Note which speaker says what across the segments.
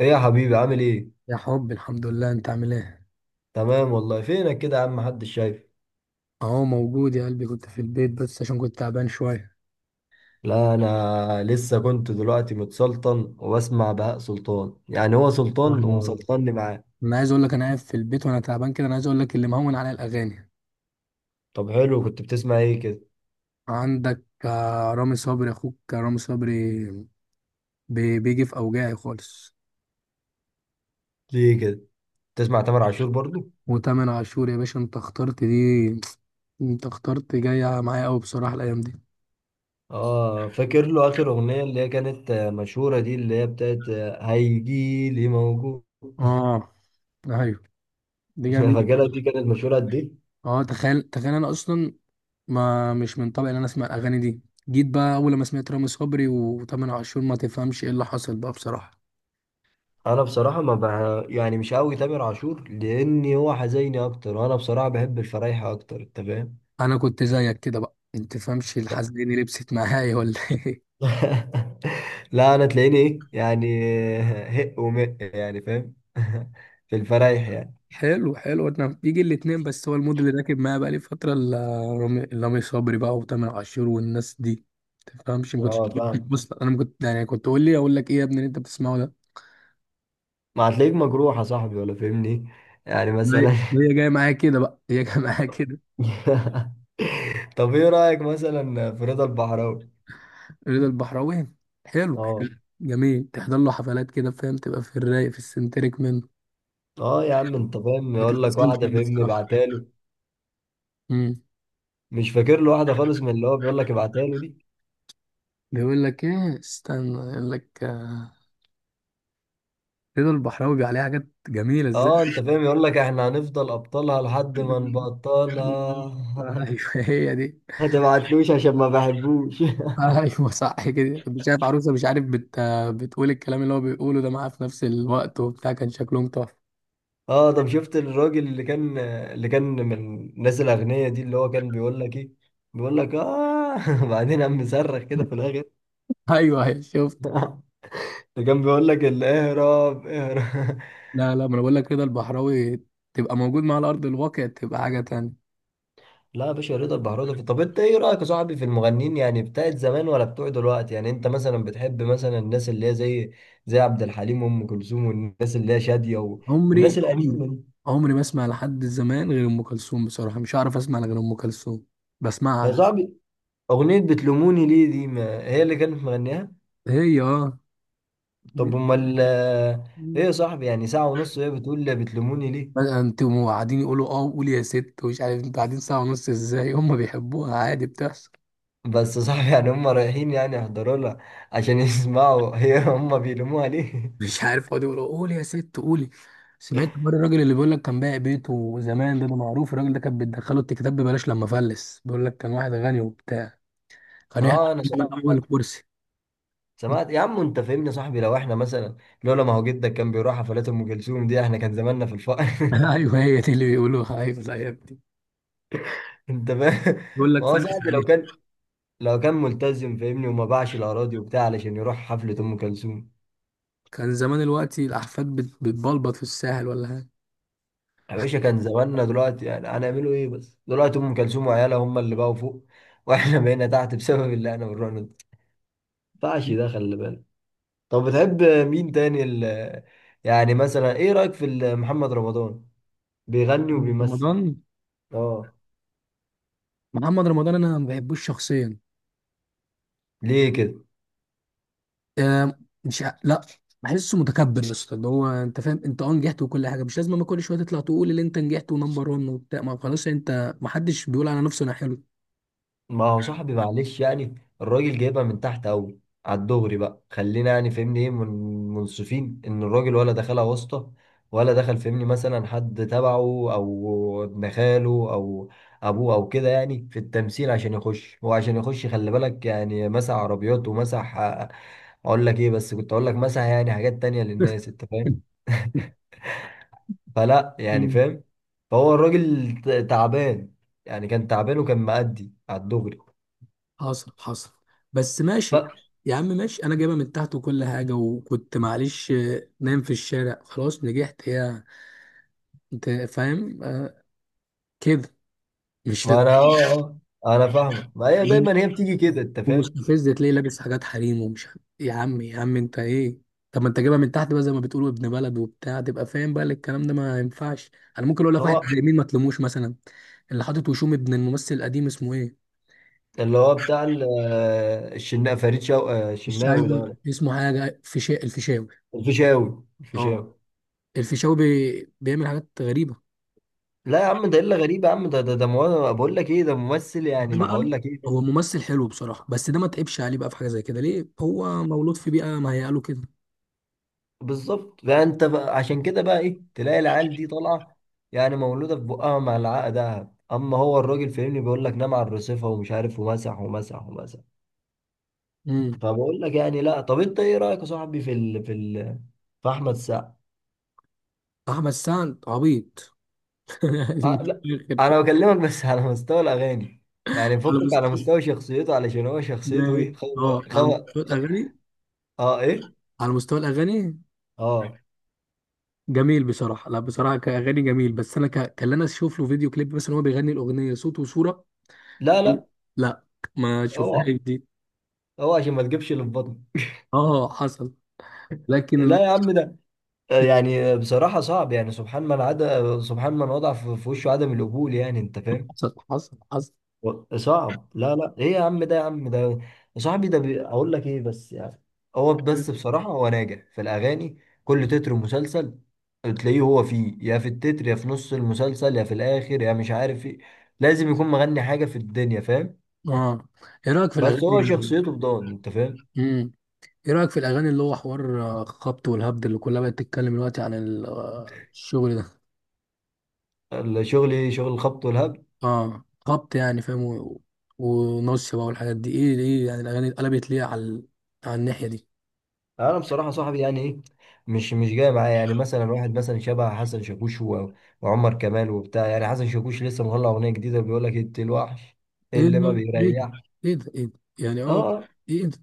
Speaker 1: ايه يا حبيبي، عامل ايه؟
Speaker 2: يا حب، الحمد لله. انت عامل ايه؟
Speaker 1: تمام والله. فينك كده يا عم؟ محدش شايف.
Speaker 2: اهو موجود يا قلبي، كنت في البيت بس عشان كنت تعبان شويه.
Speaker 1: لا، انا لسه كنت دلوقتي متسلطن وبسمع بهاء سلطان، يعني هو سلطان
Speaker 2: اه.
Speaker 1: ومسلطني معاه.
Speaker 2: انا عايز اقول لك، انا قاعد في البيت وانا تعبان كده. انا عايز اقول لك اللي مهون عليا الاغاني.
Speaker 1: طب حلو، كنت بتسمع ايه كده؟
Speaker 2: عندك، رامي صبري، اخوك رامي صبري. بيجي في اوجاعي خالص.
Speaker 1: ليه كده؟ بتسمع تامر عاشور برضو؟
Speaker 2: وتامر عاشور يا باشا، انت اخترت دي. انت اخترت جايه معايا قوي بصراحه الايام دي.
Speaker 1: اه، فاكر له اخر اغنية اللي هي كانت مشهورة، دي اللي هي بتاعت هيجيلي موجود.
Speaker 2: اه. ايوه، دي جميله.
Speaker 1: فاكرها، دي كانت مشهورة قد ايه؟
Speaker 2: اه، تخيل تخيل. انا اصلا ما مش من طبعي ان انا اسمع الاغاني دي. جيت بقى اول ما سمعت رامي صبري وتامر عاشور، ما تفهمش ايه اللي حصل بقى بصراحه.
Speaker 1: انا بصراحه ما بع... يعني مش قوي تامر عاشور، لاني هو حزيني اكتر، وانا بصراحه بحب الفرايحه اكتر، انت فاهم.
Speaker 2: انا كنت زيك كده بقى، انت تفهمش الحزيني لبست معايا ولا ايه؟
Speaker 1: لا، انا تلاقيني ايه يعني، هق ومق، يعني فاهم. في الفرايح يعني.
Speaker 2: حلو حلو، انا بيجي الاتنين، بس هو المود اللي راكب معايا بقى لي فتره رامي صبري بقى وتامر عاشور والناس دي. تفهمش ما كنتش.
Speaker 1: اه فاهم.
Speaker 2: بص انا ما كنت يعني، كنت تقول لي اقول لك ايه يا ابني اللي انت بتسمعه ده.
Speaker 1: ما هتلاقيك مجروح يا صاحبي ولا فاهمني، يعني
Speaker 2: هي،
Speaker 1: مثلا.
Speaker 2: هي جايه معايا كده بقى، هي جايه معايا كده.
Speaker 1: طب ايه رايك مثلا في رضا البحراوي؟
Speaker 2: رضا البحراوي، حلو.
Speaker 1: اه.
Speaker 2: جميل، تحضر له حفلات كده فاهم، تبقى في الرايق، في السنتريك منه.
Speaker 1: اه يا عم، انت فاهم،
Speaker 2: ما
Speaker 1: يقول لك
Speaker 2: تتفصلش
Speaker 1: واحده
Speaker 2: منه
Speaker 1: فاهمني،
Speaker 2: بصراحة.
Speaker 1: ابعتها له.
Speaker 2: امم.
Speaker 1: مش فاكر له واحده خالص من اللي هو بيقول لك ابعتها له دي.
Speaker 2: بيقول لك ايه؟ استنى، يقول لك رضا البحراوي بيبقى عليه حاجات جميلة ازاي.
Speaker 1: اه، انت فاهم، يقول لك احنا هنفضل ابطالها لحد ما نبطلها.
Speaker 2: ايوه هي دي.
Speaker 1: ما تبعتلوش عشان ما بحبوش.
Speaker 2: ايوه صح كده، كنت شايف عروسه مش عارف بتقول الكلام اللي هو بيقوله ده معاه في نفس الوقت وبتاع، كان شكلهم تحفه.
Speaker 1: اه، طب شفت الراجل اللي كان من الناس الاغنياء دي، اللي هو كان بيقول لك ايه؟ بيقول لك اه، بعدين قام مصرخ كده في الاخر.
Speaker 2: ايوه ايوه، شفت.
Speaker 1: اللي كان بيقول لك اهرب، اهرب.
Speaker 2: لا لا، ما انا بقول لك رضا البحراوي تبقى موجود مع على ارض الواقع تبقى حاجه تانية.
Speaker 1: لا يا باشا، رضا البحراوي. طب انت ايه رايك يا صاحبي في المغنيين، يعني بتاعت زمان ولا بتوع دلوقتي، يعني انت مثلا بتحب مثلا الناس اللي هي زي زي عبد الحليم وام كلثوم والناس اللي هي شاديه
Speaker 2: عمري
Speaker 1: والناس
Speaker 2: عمري،
Speaker 1: القديمه دي؟
Speaker 2: عمري ما اسمع لحد زمان غير ام كلثوم بصراحه. مش عارف اسمع غير ام كلثوم. بسمعها
Speaker 1: يا
Speaker 2: أنا.
Speaker 1: صاحبي، اغنيه بتلوموني ليه دي، ما هي اللي كانت مغنيها.
Speaker 2: هي اه دي-
Speaker 1: طب امال ايه يا صاحبي، يعني ساعة ونص وهي بتقول لي بتلوموني ليه.
Speaker 2: بقى انتوا قاعدين يقولوا اه قول يا ست، ومش عارف انتوا قاعدين ساعه ونص ازاي. هم بيحبوها، عادي بتحصل.
Speaker 1: بس يا صاحبي، يعني هم رايحين يعني يحضروا لها عشان يسمعوا هي، هم بيلوموها ليه؟
Speaker 2: مش عارف، يقعدوا يقولوا قول يا ست قولي. سمعت مره الراجل اللي بيقول لك كان بايع بيته زمان ده، معروف الراجل ده، كان بيدخله التكتاب ببلاش لما فلس. بيقول لك كان واحد غني وبتاع، كان يحط
Speaker 1: اه، انا
Speaker 2: من
Speaker 1: سمعت.
Speaker 2: اول كرسي.
Speaker 1: سمعت يا عم، انت فاهمني يا صاحبي، لو احنا مثلا لولا ما هو جدك كان بيروح حفلات ام كلثوم دي، احنا كان زماننا في الفقر.
Speaker 2: ايوه هي دي اللي بيقولوها، ايوه الايام دي.
Speaker 1: انت فاهم،
Speaker 2: بيقول لك
Speaker 1: ما هو
Speaker 2: فلس.
Speaker 1: صاحبي لو كان، لو كان ملتزم فاهمني، وما باعش الاراضي وبتاع علشان يروح حفلة ام كلثوم،
Speaker 2: كان زمان الوقت الأحفاد بتبلبط في الساحل ولا حاجة.
Speaker 1: يا باشا كان زماننا دلوقتي. يعني هنعملوا ايه بس دلوقتي؟ ام كلثوم وعيالها هم اللي بقوا فوق، واحنا بقينا تحت بسبب اللي احنا بنروح ما ينفعش ده، خلي بالك. طب بتحب مين تاني يعني مثلا ايه رايك في محمد رمضان؟ بيغني
Speaker 2: محمد
Speaker 1: وبيمثل.
Speaker 2: رمضان.
Speaker 1: اه.
Speaker 2: محمد رمضان أنا ما بحبوش شخصيا.
Speaker 1: ليه كده؟
Speaker 2: آه، مش ع- لا، بحسه متكبر يا اسطى، اللي هو انت فاهم، انت نجحت وكل حاجه. مش لازم اما كل شويه تطلع تقول اللي انت نجحت ونمبر 1 وبتاع. ما خلاص انت، ما حدش بيقول على نفسه انا حلو.
Speaker 1: ما هو صاحبي معلش، يعني الراجل جايبها من تحت قوي. على الدغري بقى، خلينا يعني فهمني ايه من منصفين ان الراجل، ولا دخلها واسطة، ولا دخل فهمني مثلا حد تبعه، او ابن خاله، او ابوه، او كده، يعني في التمثيل عشان يخش. هو عشان يخش، خلي بالك، يعني مسح عربيات ومسح اقول لك ايه بس، كنت اقول لك مسح يعني حاجات تانية للناس، انت فاهم. فلا يعني
Speaker 2: مم.
Speaker 1: فاهم. فهو الراجل تعبان، يعني كان تعبان وكان مأدي على الدغري.
Speaker 2: حصل حصل، بس ماشي. يا عم ماشي، انا جايبها من تحت وكل حاجه وكنت معلش نايم في الشارع. خلاص نجحت يا، انت فاهم كده. مش
Speaker 1: ما انا اه، اه انا فاهمك، ما هي
Speaker 2: لازم،
Speaker 1: دايما هي بتيجي كده، انت فاهم.
Speaker 2: ومستفز تلاقيه لابس حاجات حريم يا عم يا عم، انت ايه؟ طب ما انت جايبها من تحت بقى زي ما بتقولوا ابن بلد وبتاع، تبقى فاهم بقى إن الكلام ده ما ينفعش. انا ممكن اقول لك واحد
Speaker 1: هو
Speaker 2: زي مين ما تلوموش مثلا؟ اللي حاطط وشوم، ابن الممثل القديم، اسمه ايه؟
Speaker 1: اللي هو بتاع الشنا فريد شو... آه،
Speaker 2: مش عارف.
Speaker 1: الشناوي ده
Speaker 2: اسمه حاجه الفيشاوي.
Speaker 1: الفيشاوي،
Speaker 2: اه،
Speaker 1: الفيشاوي.
Speaker 2: الفيشاوي بيعمل حاجات غريبه.
Speaker 1: لا يا عم، ده الا غريب، يا عم ده بقول لك ايه، ده ممثل يعني
Speaker 2: ده
Speaker 1: ما
Speaker 2: بقى،
Speaker 1: هقول لك ايه بس.
Speaker 2: هو ممثل حلو بصراحه، بس ده ما تعبش عليه بقى في حاجه زي كده ليه. هو مولود في بيئه مهيئه له كده.
Speaker 1: بالظبط، فانت بقى عشان كده بقى ايه تلاقي العيال دي طالعه، يعني مولوده في بقها مع العقد دهب، اما هو الراجل فاهمني بيقول لك نام على الرصيفه ومش عارف، ومسح ومسح ومسح.
Speaker 2: امم.
Speaker 1: فبقول لك يعني لا، طب انت ايه رايك يا صاحبي في في احمد السقا؟
Speaker 2: احمد سعد عبيط.
Speaker 1: لا، انا بكلمك بس على مستوى الاغاني، يعني
Speaker 2: على
Speaker 1: فكك على
Speaker 2: مستوى،
Speaker 1: مستوى شخصيته، علشان هو شخصيته
Speaker 2: ماشي.
Speaker 1: ايه، خو
Speaker 2: اه، على
Speaker 1: خو
Speaker 2: مستوى
Speaker 1: خو.
Speaker 2: الاغاني.
Speaker 1: اه ايه.
Speaker 2: على مستوى الاغاني
Speaker 1: اه.
Speaker 2: جميل بصراحه. لا، بصراحه كاغاني جميل، بس انا كان انا اشوف له فيديو كليب مثلا، هو بيغني الاغنيه صوت وصوره.
Speaker 1: لا لا،
Speaker 2: لا، ما شوفهاش
Speaker 1: اوعى،
Speaker 2: دي.
Speaker 1: اوعى عشان ما تجيبش اللي في بطنك.
Speaker 2: اه حصل، لكن.
Speaker 1: لا يا عم، ده يعني بصراحة صعب، يعني سبحان من عدا، سبحان من وضع في وشه عدم القبول، يعني انت فاهم.
Speaker 2: حصل حصل حصل.
Speaker 1: صعب، لا لا، ايه يا عم ده، يا عم ده، يا صاحبي ده اقول لك ايه بس يعني. هو بس بصراحة هو ناجح في الاغاني. كل تتر مسلسل تلاقيه هو فيه، يا في التتر، يا في نص المسلسل، يا في الاخر، يا مش عارف ايه. لازم يكون مغني حاجه في الدنيا، فاهم.
Speaker 2: اه، ايه رايك في
Speaker 1: بس هو
Speaker 2: الاغاني؟
Speaker 1: شخصيته بضان، انت فاهم.
Speaker 2: امم. ايه رايك في الاغاني اللي هو حوار خبط والهبد اللي كلها بقت تتكلم دلوقتي عن الشغل ده؟
Speaker 1: الشغل ايه؟ شغل الخبط والهبد.
Speaker 2: اه، خبط يعني فاهم، ونص بقى والحاجات دي. ايه ليه يعني الاغاني اتقلبت ليه على على الناحيه دي؟
Speaker 1: انا بصراحه صاحبي يعني ايه، مش جاي معايا، يعني مثلا واحد مثلا شبه حسن شاكوش وعمر كمال وبتاع، يعني حسن شاكوش لسه مطلع اغنيه جديده، بيقول لك انت الوحش
Speaker 2: ايه
Speaker 1: اللي ما
Speaker 2: ده، ايه ده.
Speaker 1: بيريحش.
Speaker 2: ايه ده، ايه ده، يعني
Speaker 1: اه. آه.
Speaker 2: ايه ده.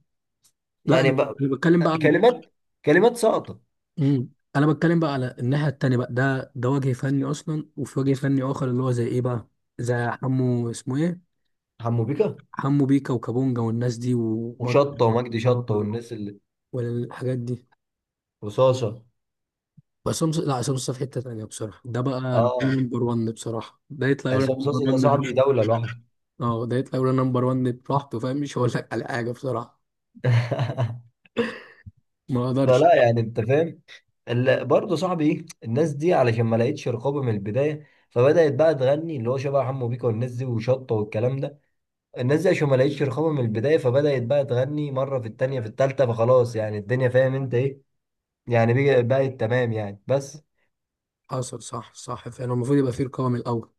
Speaker 2: لا
Speaker 1: يعني
Speaker 2: انا،
Speaker 1: بقى
Speaker 2: أنا بتكلم بقى
Speaker 1: كلمات كلمات ساقطه.
Speaker 2: مم. انا بتكلم بقى على الناحيه التانيه بقى. ده وجه فني اصلا، وفي وجه فني اخر اللي هو زي ايه بقى؟ زي حمو، اسمه ايه؟
Speaker 1: حمو بيكا
Speaker 2: حمو بيكا وكابونجا والناس دي ومارك،
Speaker 1: وشطه ومجدي شطه
Speaker 2: و-
Speaker 1: والناس اللي
Speaker 2: والحاجات دي.
Speaker 1: رصاصه.
Speaker 2: بس هم، لا، عصام صاحب في حته تانيه بصراحه. ده بقى ده
Speaker 1: اه،
Speaker 2: نمبر 1 بصراحه. ده يطلع يقول
Speaker 1: عصام صاصا ده صاحبي
Speaker 2: لك
Speaker 1: دولة لوحده.
Speaker 2: اه، ده يطلع يقول نمبر 1 براحته فاهم، مش هقول لك على حاجه بصراحه. ما اقدرش.
Speaker 1: فلا يعني انت فاهم. برضه صاحبي ايه الناس دي، علشان ما لقيتش رقابة من البداية، فبدأت بقى تغني اللي هو شبه حمو بيكا والناس دي وشطة والكلام ده. الناس دي عشان ما لقيتش رقابة من البداية، فبدأت بقى تغني مرة في التانية في التالتة، فخلاص يعني الدنيا فاهم انت ايه يعني، بقت تمام يعني، بس.
Speaker 2: حصل. صح صح فعلا، المفروض يبقى في رقابه من الاول.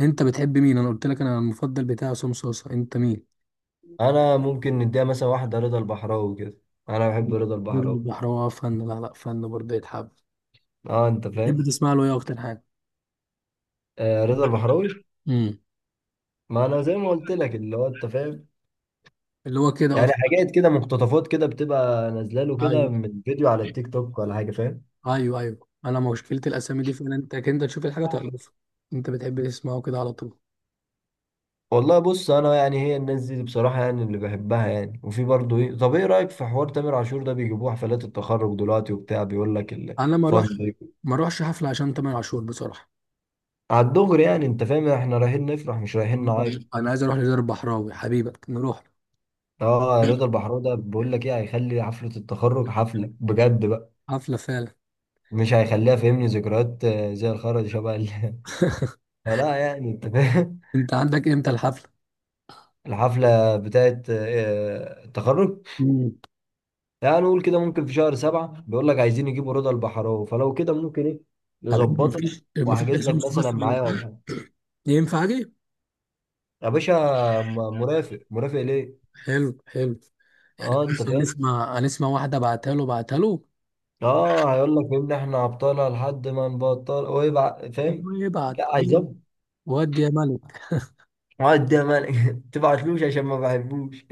Speaker 2: انت بتحب مين؟ انا قلت لك انا المفضل بتاعي عصام صوصه، انت مين؟
Speaker 1: انا ممكن نديها مثلا واحدة رضا البحراوي كده، انا بحب رضا
Speaker 2: غير
Speaker 1: البحراوي.
Speaker 2: البحراوي فن، لا لا فن برضه يتحب.
Speaker 1: اه انت
Speaker 2: بتحب
Speaker 1: فاهم.
Speaker 2: تسمع له ايه اكتر حاجه؟
Speaker 1: آه، رضا البحراوي.
Speaker 2: امم.
Speaker 1: ما انا زي ما قلت لك، اللي هو انت فاهم،
Speaker 2: اللي هو كده اه
Speaker 1: يعني حاجات كده مقتطفات كده بتبقى نازله له كده
Speaker 2: ايوه
Speaker 1: من فيديو على التيك توك ولا حاجه، فاهم.
Speaker 2: ايوه ايوه، انا مشكله الاسامي دي فعلا، انت تشوف الحاجه
Speaker 1: آه.
Speaker 2: تعرفها. انت بتحب تسمعه كده على طول؟
Speaker 1: والله بص، انا يعني هي الناس دي بصراحه، يعني اللي بحبها يعني، وفي برضه ايه. طب ايه رايك في حوار تامر عاشور ده بيجيبوه حفلات التخرج دلوقتي وبتاع، بيقول لك
Speaker 2: انا ما
Speaker 1: الفان.
Speaker 2: اروحش، ما اروحش حفله عشان تامر عاشور بصراحه.
Speaker 1: على الدغري يعني، انت فاهم، احنا رايحين نفرح، مش رايحين
Speaker 2: آه.
Speaker 1: نعيط.
Speaker 2: انا عايز اروح لدار البحراوي حبيبك، نروح.
Speaker 1: اه، رضا البحراوي ده بيقول لك ايه، هيخلي حفله التخرج حفله بجد بقى،
Speaker 2: حفلة فعلا.
Speaker 1: مش هيخليها فهمني ذكريات زي الخرا شبه فلا يعني انت فاهم.
Speaker 2: انت عندك امتى الحفلة؟
Speaker 1: الحفلة بتاعت التخرج،
Speaker 2: مم.
Speaker 1: يعني نقول كده ممكن في شهر سبعة، بيقول لك عايزين يجيبوا رضا البحراوي، فلو كده ممكن ايه
Speaker 2: طب حلو،
Speaker 1: نظبطها،
Speaker 2: مفيش
Speaker 1: وأحجز
Speaker 2: عصام
Speaker 1: لك
Speaker 2: في
Speaker 1: مثلا
Speaker 2: مصر ولا
Speaker 1: معايا أو
Speaker 2: حاجة؟
Speaker 1: حاجة.
Speaker 2: ينفع اجي؟
Speaker 1: يا باشا، م- مرافق، مرافق ليه؟
Speaker 2: حلو حلو. يعني
Speaker 1: اه انت
Speaker 2: بص،
Speaker 1: فاهم؟
Speaker 2: هنسمع هنسمع واحدة، بعتها له بعتها له.
Speaker 1: اه، هيقول لك ان احنا عبطالة لحد ما نبطل، ويبقى فاهم؟
Speaker 2: ويبعت.
Speaker 1: لا هيظبط.
Speaker 2: ودي يا ملك.
Speaker 1: اقعد ده مالك. تبعتلوش عشان ما بحبوش.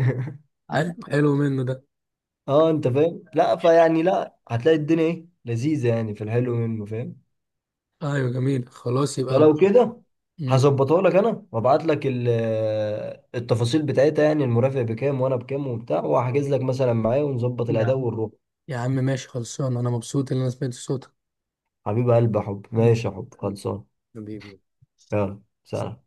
Speaker 2: حلو حلو منه ده.
Speaker 1: اه انت فاهم؟ لا فيعني، لا هتلاقي الدنيا ايه لذيذة، يعني في الحلو منه، فاهم؟
Speaker 2: ايوه جميل، خلاص يبقى
Speaker 1: فلو كده،
Speaker 2: مم.
Speaker 1: هظبطها لك انا، وابعت لك التفاصيل بتاعتها، يعني المرافق بكام وانا بكام وبتاع، وهحجز لك مثلا معايا ونظبط
Speaker 2: يا
Speaker 1: الاداء
Speaker 2: عم
Speaker 1: والروح.
Speaker 2: يا عم ماشي، خلصان. انا مبسوط ان انا سمعت صوتك.
Speaker 1: حبيب قلبي يا حب،
Speaker 2: مم.
Speaker 1: ماشي يا حب، خلصان.
Speaker 2: حبيبي.
Speaker 1: يلا سلام.